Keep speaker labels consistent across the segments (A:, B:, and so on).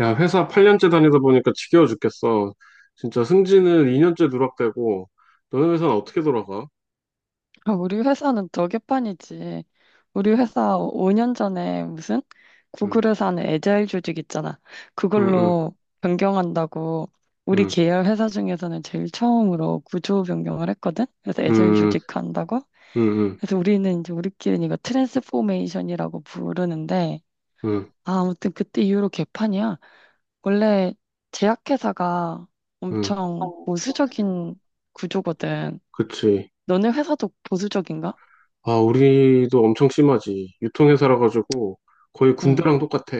A: 야, 회사 8년째 다니다 보니까 지겨워 죽겠어. 진짜 승진은 2년째 누락되고, 너네 회사는 어떻게 돌아가?
B: 아, 우리 회사는 더 개판이지. 우리 회사 5년 전에 무슨
A: 응,
B: 구글에서 하는 에자일 조직 있잖아.
A: 응, 응,
B: 그걸로 변경한다고 우리
A: 응,
B: 계열 회사 중에서는 제일 처음으로 구조 변경을 했거든. 그래서 에자일
A: 응,
B: 조직 한다고.
A: 응, 응,
B: 그래서 우리는 이제 우리끼리는 이거 트랜스포메이션이라고 부르는데
A: 응,
B: 아, 아무튼 그때 이후로 개판이야. 원래 제약회사가
A: 응.
B: 엄청 보수적인 구조거든.
A: 그치.
B: 너네 회사도 보수적인가?
A: 아, 우리도 엄청 심하지. 유통회사라 가지고 거의
B: 응.
A: 군대랑 똑같아.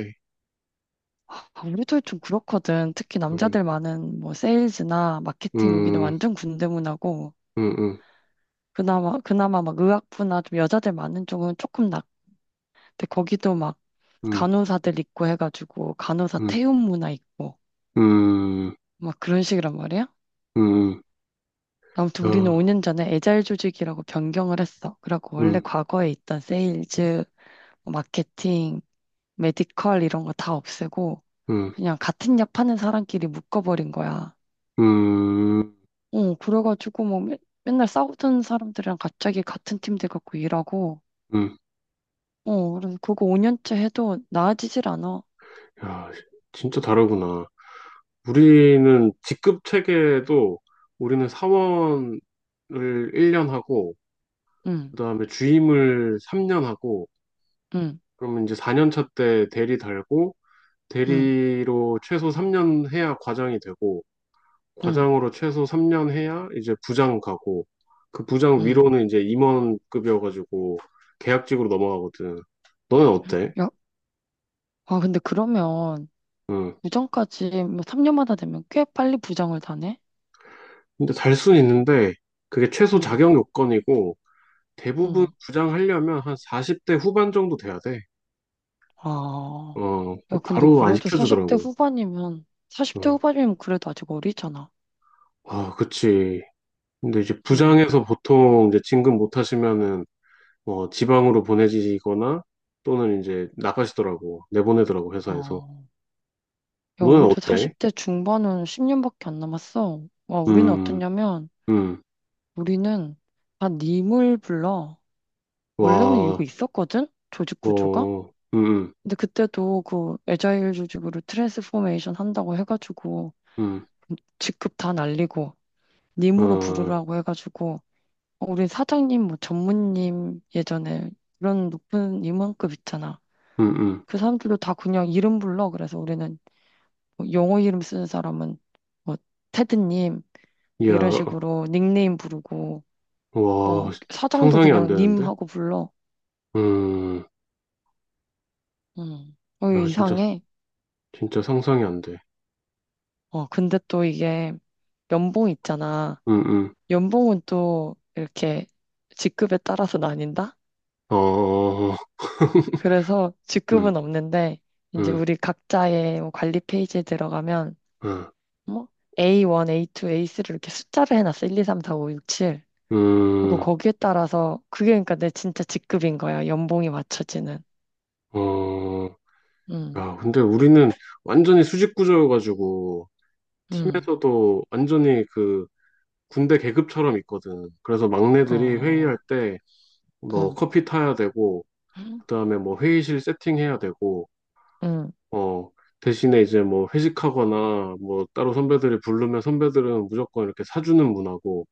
B: 아, 우리도 좀 그렇거든. 특히
A: 응,
B: 남자들 많은 뭐 세일즈나 마케팅 여기는
A: 응,
B: 완전 군대 문화고
A: 응, 응,
B: 그나마 막 의학부나 좀 여자들 많은 쪽은 조금 낫. 근데 거기도 막
A: 응,
B: 간호사들 있고 해가지고 간호사
A: 응,
B: 태움 문화 있고
A: 응,
B: 막 그런 식이란 말이야.
A: 응, 응.
B: 아무튼
A: 야,
B: 우리는 5년 전에 에자일 조직이라고 변경을 했어. 그래갖고 원래
A: 응,
B: 과거에 있던 세일즈, 뭐 마케팅, 메디컬 이런 거 다 없애고
A: 응,
B: 그냥 같은 약 파는 사람끼리 묶어버린 거야.
A: 응,
B: 어, 그래가지고 뭐 맨날 싸우던 사람들이랑 갑자기 같은 팀 돼갖고 일하고,
A: 응,
B: 어, 그래서 그거 5년째 해도 나아지질 않아.
A: 야, 진짜 다르구나. 우리는 직급 체계도 우리는 사원을 1년 하고,
B: 응,
A: 그다음에 주임을 3년 하고,
B: 응,
A: 그러면 이제 4년 차 때 대리 달고,
B: 응,
A: 대리로 최소 3년 해야 과장이 되고,
B: 응,
A: 과장으로 최소 3년 해야 이제 부장 가고, 그 부장
B: 응.
A: 위로는 이제 임원급이어가지고 계약직으로 넘어가거든. 너는 어때?
B: 야, 아, 근데 그러면
A: 응.
B: 부장까지 뭐 3년마다 되면 꽤 빨리 부장을 다네?
A: 근데 달 순 있는데, 그게 최소
B: 응,
A: 자격 요건이고, 대부분
B: 응.
A: 부장하려면 한 40대 후반 정도 돼야 돼.
B: 아,
A: 어, 그
B: 야, 근데
A: 바로 안
B: 그래도 40대
A: 시켜주더라고.
B: 후반이면, 40대
A: 어,
B: 후반이면 그래도 아직 어리잖아.
A: 아, 그치. 근데 이제
B: 응,
A: 부장에서 보통 이제 진급 못 하시면은 뭐 지방으로 보내지거나 또는 이제 나가시더라고. 내보내더라고, 회사에서.
B: 어. 야,
A: 너는
B: 우리도
A: 어때?
B: 40대 중반은 10년밖에 안 남았어. 와, 우리는
A: 음,
B: 어떠냐면,
A: 음,
B: 우리는 다 님을 불러. 원래는 이거
A: 와,
B: 있었거든? 조직 구조가?
A: 어,
B: 근데 그때도 그 애자일 조직으로 트랜스포메이션 한다고 해가지고
A: 음,
B: 직급 다 날리고 님으로
A: 어,
B: 부르라고 해가지고 어, 우리 사장님, 뭐 전무님 예전에 그런 높은 임원급 있잖아.
A: 음, 음.
B: 그 사람들도 다 그냥 이름 불러. 그래서 우리는 뭐 영어 이름 쓰는 사람은 뭐 테드님 이런
A: 야,
B: 식으로 닉네임 부르고 어,
A: 와,
B: 사장도
A: 상상이 안
B: 그냥
A: 되는데?
B: 님하고 불러.
A: 음,
B: 음. 어, 이거
A: 야, 진짜,
B: 이상해.
A: 진짜 상상이 안 돼.
B: 어, 근데 또 이게 연봉 있잖아.
A: 음, 음.
B: 연봉은 또 이렇게 직급에 따라서 나뉜다?
A: 어,
B: 그래서
A: 음,
B: 직급은 없는데, 이제
A: 음,
B: 우리 각자의 뭐 관리 페이지에 들어가면,
A: 음,
B: 뭐, A1, A2, A3 이렇게 숫자를 해놨어. 1, 2, 3, 4, 5, 6, 7. 그리고
A: 음,
B: 거기에 따라서, 그게 그러니까 내 진짜 직급인 거야. 연봉이 맞춰지는.
A: 어,
B: 음,
A: 야, 근데 우리는 완전히 수직 구조여가지고,
B: 음,
A: 팀에서도 완전히 그 군대 계급처럼 있거든. 그래서 막내들이 회의할
B: 어,
A: 때, 뭐,
B: 음,
A: 커피 타야 되고, 그 다음에 뭐, 회의실 세팅해야 되고,
B: 음,
A: 어, 대신에 이제 뭐, 회식하거나, 뭐, 따로 선배들이 부르면 선배들은 무조건 이렇게 사주는 문화고,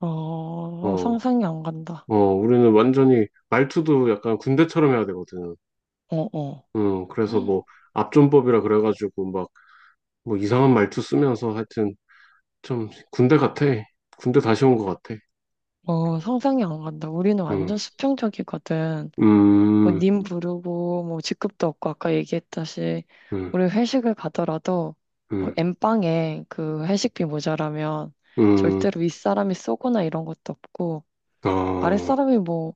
B: 어,
A: 어,
B: 상상이 안 간다.
A: 어, 우리는 완전히 말투도 약간 군대처럼 해야 되거든.
B: 어, 어.
A: 그래서 뭐 압존법이라 그래가지고 막 뭐 이상한 말투 쓰면서 하여튼 좀 군대 같아. 군대 다시 온 것 같아.
B: 어, 상상이 안 간다. 우리는 완전
A: 음,
B: 수평적이거든. 뭐,
A: 음,
B: 님 부르고, 뭐, 직급도 없고, 아까 얘기했다시,
A: 음,
B: 우리 회식을 가더라도, 어,
A: 음,
B: 엠빵에 그 회식비 모자라면,
A: 음,
B: 절대로 윗사람이 쏘거나 이런 것도 없고,
A: 어,
B: 아랫사람이 뭐,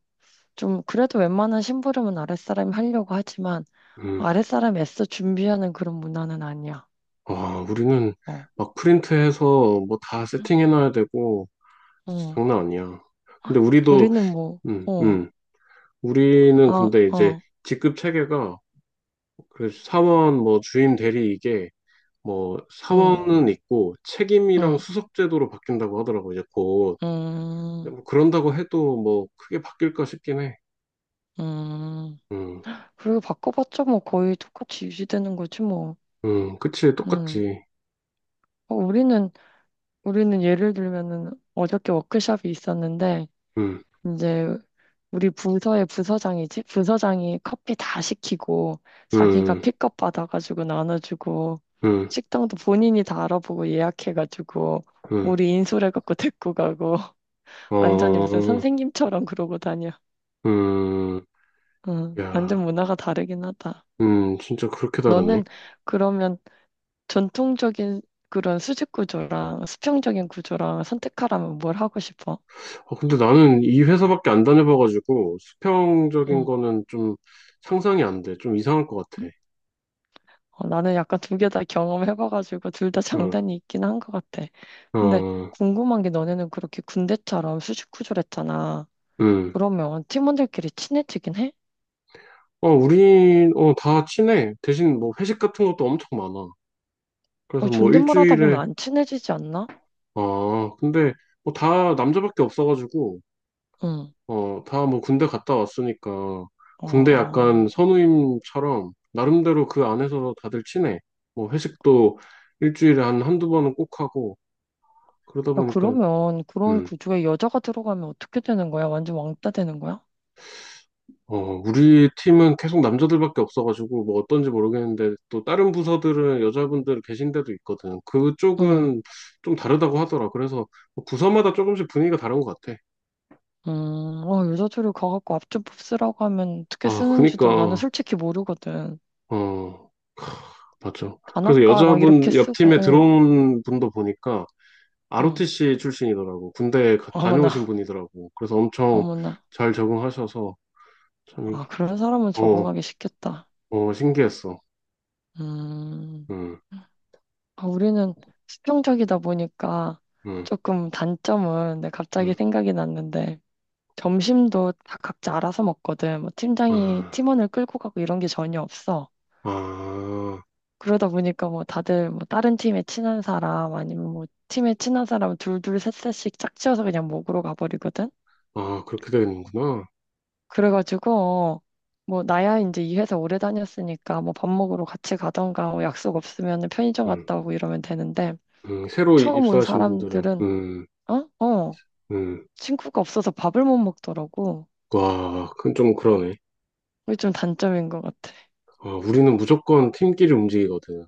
B: 좀, 그래도 웬만한 심부름은 아랫사람이 하려고 하지만,
A: 음.
B: 아랫사람이 애써 준비하는 그런 문화는 아니야.
A: 아, 우리는
B: 어,
A: 막 프린트해서 뭐 다 세팅해놔야 되고
B: 응.
A: 장난 아니야. 근데 우리도,
B: 우리는 뭐,
A: 음,
B: 어,
A: 음, 우리는
B: 아,
A: 근데 이제
B: 어,
A: 직급 체계가 그 사원 뭐 주임 대리 이게 뭐
B: 응,
A: 사원은 있고 책임이랑
B: 응,
A: 수석 제도로 바뀐다고 하더라고 이제 곧
B: 응,
A: 뭐, 그런다고 해도 뭐 크게 바뀔까 싶긴 해.
B: 응.
A: 음,
B: 그리고 바꿔봤자 뭐 거의 똑같이 유지되는 거지 뭐.
A: 그치
B: 음.
A: 똑같지.
B: 어, 우리는 예를 들면은 어저께 워크숍이 있었는데
A: 음,
B: 이제 우리 부서의 부서장이지 부서장이 커피 다 시키고 자기가
A: 음,
B: 픽업 받아가지고 나눠주고
A: 음,
B: 식당도 본인이 다 알아보고 예약해가지고
A: 음,
B: 우리 인솔해갖고 데리고 가고 완전히 무슨
A: 어,
B: 선생님처럼 그러고 다녀.
A: 음,
B: 음. 완전
A: 야,
B: 문화가 다르긴 하다.
A: 진짜 그렇게 다르네.
B: 너는 그러면 전통적인 그런 수직 구조랑 수평적인 구조랑 선택하라면 뭘 하고 싶어?
A: 어, 근데 나는 이 회사밖에 안 다녀봐가지고 수평적인
B: 응.
A: 거는 좀 상상이 안 돼. 좀 이상할 것 같아.
B: 응? 어, 나는 약간 두 개 다 경험해봐가지고 둘 다
A: 어,
B: 장단이 있긴 한 것 같아. 근데
A: 어,
B: 궁금한 게 너네는 그렇게 군대처럼 수직 구조를 했잖아.
A: 음.
B: 그러면 팀원들끼리 친해지긴 해?
A: 어, 우린, 어, 다 친해. 대신 뭐 회식 같은 것도 엄청 많아. 그래서
B: 어,
A: 뭐
B: 존댓말 하다 보면
A: 일주일에,
B: 안 친해지지 않나?
A: 아, 근데 뭐 다 남자밖에 없어가지고,
B: 응.
A: 어, 다 뭐 군대 갔다 왔으니까, 군대
B: 어.
A: 약간 선우임처럼, 나름대로 그 안에서 다들 친해. 뭐 회식도 일주일에 한 한두 번은 꼭 하고, 그러다
B: 야,
A: 보니까,
B: 그러면 그런
A: 음,
B: 구조에 여자가 들어가면 어떻게 되는 거야? 완전 왕따 되는 거야?
A: 어, 우리 팀은 계속 남자들밖에 없어가지고, 뭐 어떤지 모르겠는데, 또 다른 부서들은 여자분들 계신 데도 있거든.
B: 응.
A: 그쪽은 좀 다르다고 하더라. 그래서 뭐 부서마다 조금씩 분위기가 다른 것 같아.
B: 어, 유자초를 가갖고 앞주법 쓰라고 하면 어떻게
A: 아,
B: 쓰는지도 나는
A: 그니까.
B: 솔직히 모르거든.
A: 어, 맞죠. 그래서
B: 단아까 막 이렇게
A: 여자분 옆 팀에
B: 쓰고, 어,
A: 들어온 분도 보니까
B: 응.
A: ROTC 출신이더라고.
B: 어머나,
A: 다녀오신 분이더라고. 그래서 엄청
B: 어머나.
A: 잘 적응하셔서 참
B: 아,
A: 이게
B: 그런 사람은
A: 어,
B: 적응하기 쉽겠다.
A: 어 신기했어.
B: 음,
A: 음,
B: 아, 우리는 수평적이다 보니까
A: 음,
B: 조금 단점은 내 갑자기
A: 음.
B: 생각이 났는데, 점심도 다 각자 알아서 먹거든. 뭐
A: 아,
B: 팀장이 팀원을 끌고 가고 이런 게 전혀 없어.
A: 아,
B: 그러다 보니까 뭐 다들 뭐 다른 팀에 친한 사람 아니면 뭐 팀에 친한 사람 둘둘 셋셋씩 짝지어서 그냥 먹으러 가버리거든.
A: 아 그렇게 되는구나.
B: 그래가지고 뭐 나야 이제 이 회사 오래 다녔으니까 뭐 밥 먹으러 같이 가던가 뭐 약속 없으면 편의점
A: 음,
B: 갔다 오고 이러면 되는데
A: 새로
B: 처음 온
A: 입사하신 분들은
B: 사람들은 어? 어.
A: 음.
B: 친구가 없어서 밥을 못 먹더라고.
A: 와, 그건 좀 그러네.
B: 그게 좀 단점인 것 같아.
A: 아, 우리는 무조건 팀끼리 움직이거든.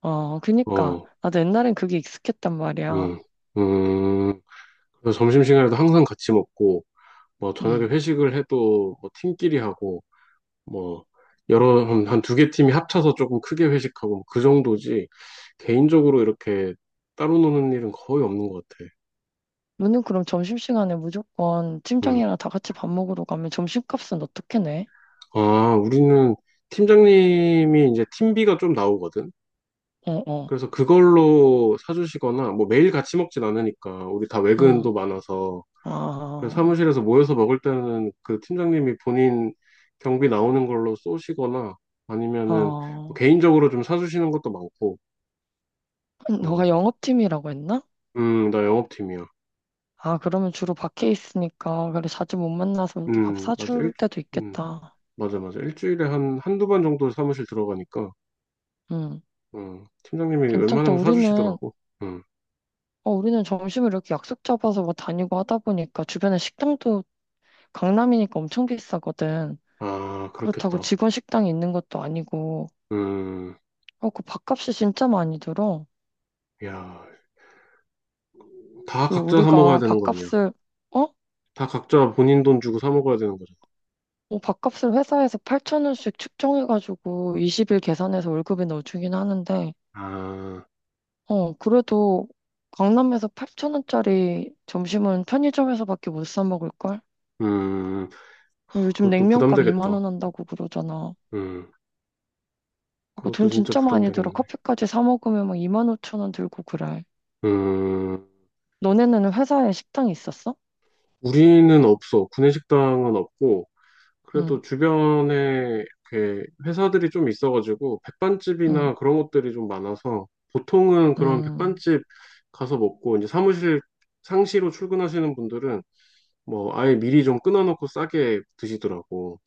B: 어, 그니까.
A: 어,
B: 나도 옛날엔 그게 익숙했단
A: 음,
B: 말이야.
A: 음. 그래서 점심시간에도 항상 같이 먹고. 뭐 저녁에
B: 음.
A: 회식을 해도 뭐 팀끼리 하고 뭐 여러 한 두 개 팀이 합쳐서 조금 크게 회식하고 뭐 그 정도지 개인적으로 이렇게 따로 노는 일은 거의 없는 것 같아.
B: 너는 그럼 점심시간에 무조건
A: 음.
B: 팀장이랑 다 같이 밥 먹으러 가면 점심값은 어떻게 내?
A: 아, 우리는 팀장님이 이제 팀비가 좀 나오거든.
B: 어, 어,
A: 그래서 그걸로 사주시거나 뭐 매일 같이 먹진 않으니까 우리 다
B: 응.
A: 외근도 많아서 그래서
B: 아,
A: 사무실에서 모여서 먹을 때는 그 팀장님이 본인 경비 나오는 걸로 쏘시거나 아니면은 뭐
B: 아.
A: 개인적으로 좀 사주시는 것도 많고, 어,
B: 너가 영업팀이라고 했나?
A: 나 영업팀이야.
B: 아, 그러면 주로 밖에 있으니까, 그래, 자주 못 만나서 이렇게 밥
A: 맞아.
B: 사줄 때도
A: 음,
B: 있겠다.
A: 맞아, 맞아. 일주일에 한두 번 정도 사무실 들어가니까,
B: 응.
A: 팀장님이
B: 괜찮다.
A: 웬만하면
B: 우리는,
A: 사주시더라고. 음,
B: 어, 우리는 점심을 이렇게 약속 잡아서 뭐 다니고 하다 보니까 주변에 식당도 강남이니까 엄청 비싸거든.
A: 아,
B: 그렇다고
A: 그렇겠다.
B: 직원 식당이 있는 것도 아니고,
A: 음,
B: 어, 그 밥값이 진짜 많이 들어.
A: 야, 다
B: 그
A: 각자 사 먹어야
B: 우리가
A: 되는 거 아니야?
B: 밥값을 어?
A: 다 각자 본인 돈 주고 사 먹어야 되는 거잖아.
B: 뭐 밥값을 회사에서 8천 원씩 측정해가지고 20일 계산해서 월급에 넣어주긴 하는데
A: 아,
B: 어 그래도 강남에서 8천 원짜리 점심은 편의점에서밖에 못 사 먹을걸?
A: 음,
B: 요즘
A: 그것도
B: 냉면값 2만
A: 부담되겠다.
B: 원 한다고 그러잖아.
A: 음.
B: 그거
A: 그것도
B: 돈
A: 진짜
B: 진짜 많이 들어.
A: 부담되겠네.
B: 커피까지 사 먹으면 막 2만 5천 원 들고 그래.
A: 음,
B: 너네는 회사에 식당이 있었어?
A: 우리는 없어. 구내식당은 없고, 그래도
B: 응,
A: 주변에 이렇게 회사들이 좀 있어가지고, 백반집이나
B: 응,
A: 그런 것들이 좀 많아서, 보통은 그런
B: 응,
A: 백반집 가서 먹고, 이제 사무실 상시로 출근하시는 분들은, 뭐, 아예 미리 좀 끊어놓고 싸게 드시더라고.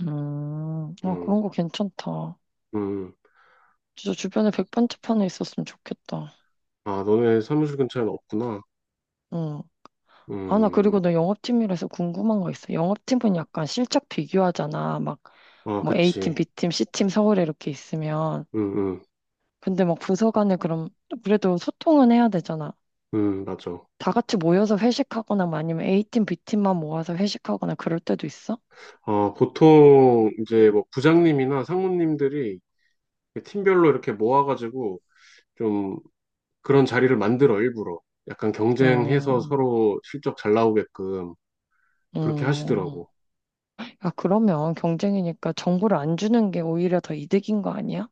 B: 응. 아,
A: 음,
B: 그런 거 괜찮다.
A: 음.
B: 진짜 주변에 백반집 하나 있었으면 좋겠다.
A: 아, 너네 사무실 근처에는 없구나.
B: 응. 아, 나
A: 음,
B: 그리고 너 영업팀이라서 궁금한 거 있어. 영업팀은 약간 실적 비교하잖아. 막,
A: 아,
B: 뭐 A팀,
A: 그치.
B: B팀, C팀 서울에 이렇게 있으면.
A: 음, 음,
B: 근데 막 부서 간에 그럼 그래도 소통은 해야 되잖아.
A: 맞아.
B: 다 같이 모여서 회식하거나 뭐 아니면 A팀, B팀만 모아서 회식하거나 그럴 때도 있어?
A: 어, 보통 이제 뭐 부장님이나 상무님들이 팀별로 이렇게 모아가지고 좀 그런 자리를 만들어 일부러 약간 경쟁해서
B: 음,
A: 서로 실적 잘 나오게끔 그렇게
B: 음.
A: 하시더라고.
B: 야, 그러면 경쟁이니까 정보를 안 주는 게 오히려 더 이득인 거 아니야?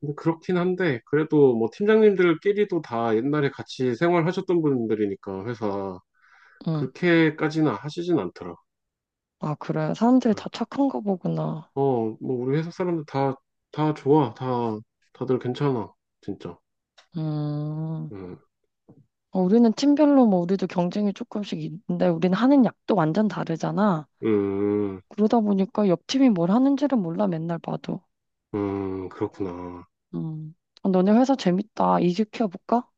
A: 근데 그렇긴 한데 그래도 뭐 팀장님들끼리도 다 옛날에 같이 생활하셨던 분들이니까 회사
B: 응.
A: 그렇게까지는 하시진 않더라.
B: 아, 그래. 사람들이 다 착한 거 보구나.
A: 어, 뭐 우리 회사 사람들 다 다 좋아, 다 다들 괜찮아, 진짜.
B: 음.
A: 음,
B: 어, 우리는 팀별로 뭐 우리도 경쟁이 조금씩 있는데 우리는 하는 약도 완전 다르잖아.
A: 음,
B: 그러다 보니까 옆 팀이 뭘 하는지를 몰라 맨날 봐도.
A: 그렇구나.
B: 음. 아, 너네 회사 재밌다. 이직해볼까?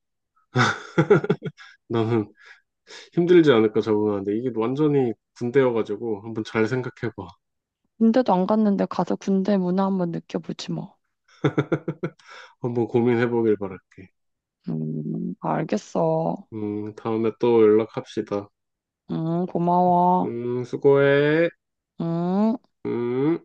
A: 나는 힘들지 않을까 적응하는데 이게 완전히 군대여가지고 한번 잘 생각해봐.
B: 군대도 안 갔는데 가서 군대 문화 한번 느껴보지 뭐.
A: 한번 고민해보길 바랄게.
B: 알겠어.
A: 다음에 또 연락합시다.
B: 고마워.
A: 수고해.
B: 음.
A: 음.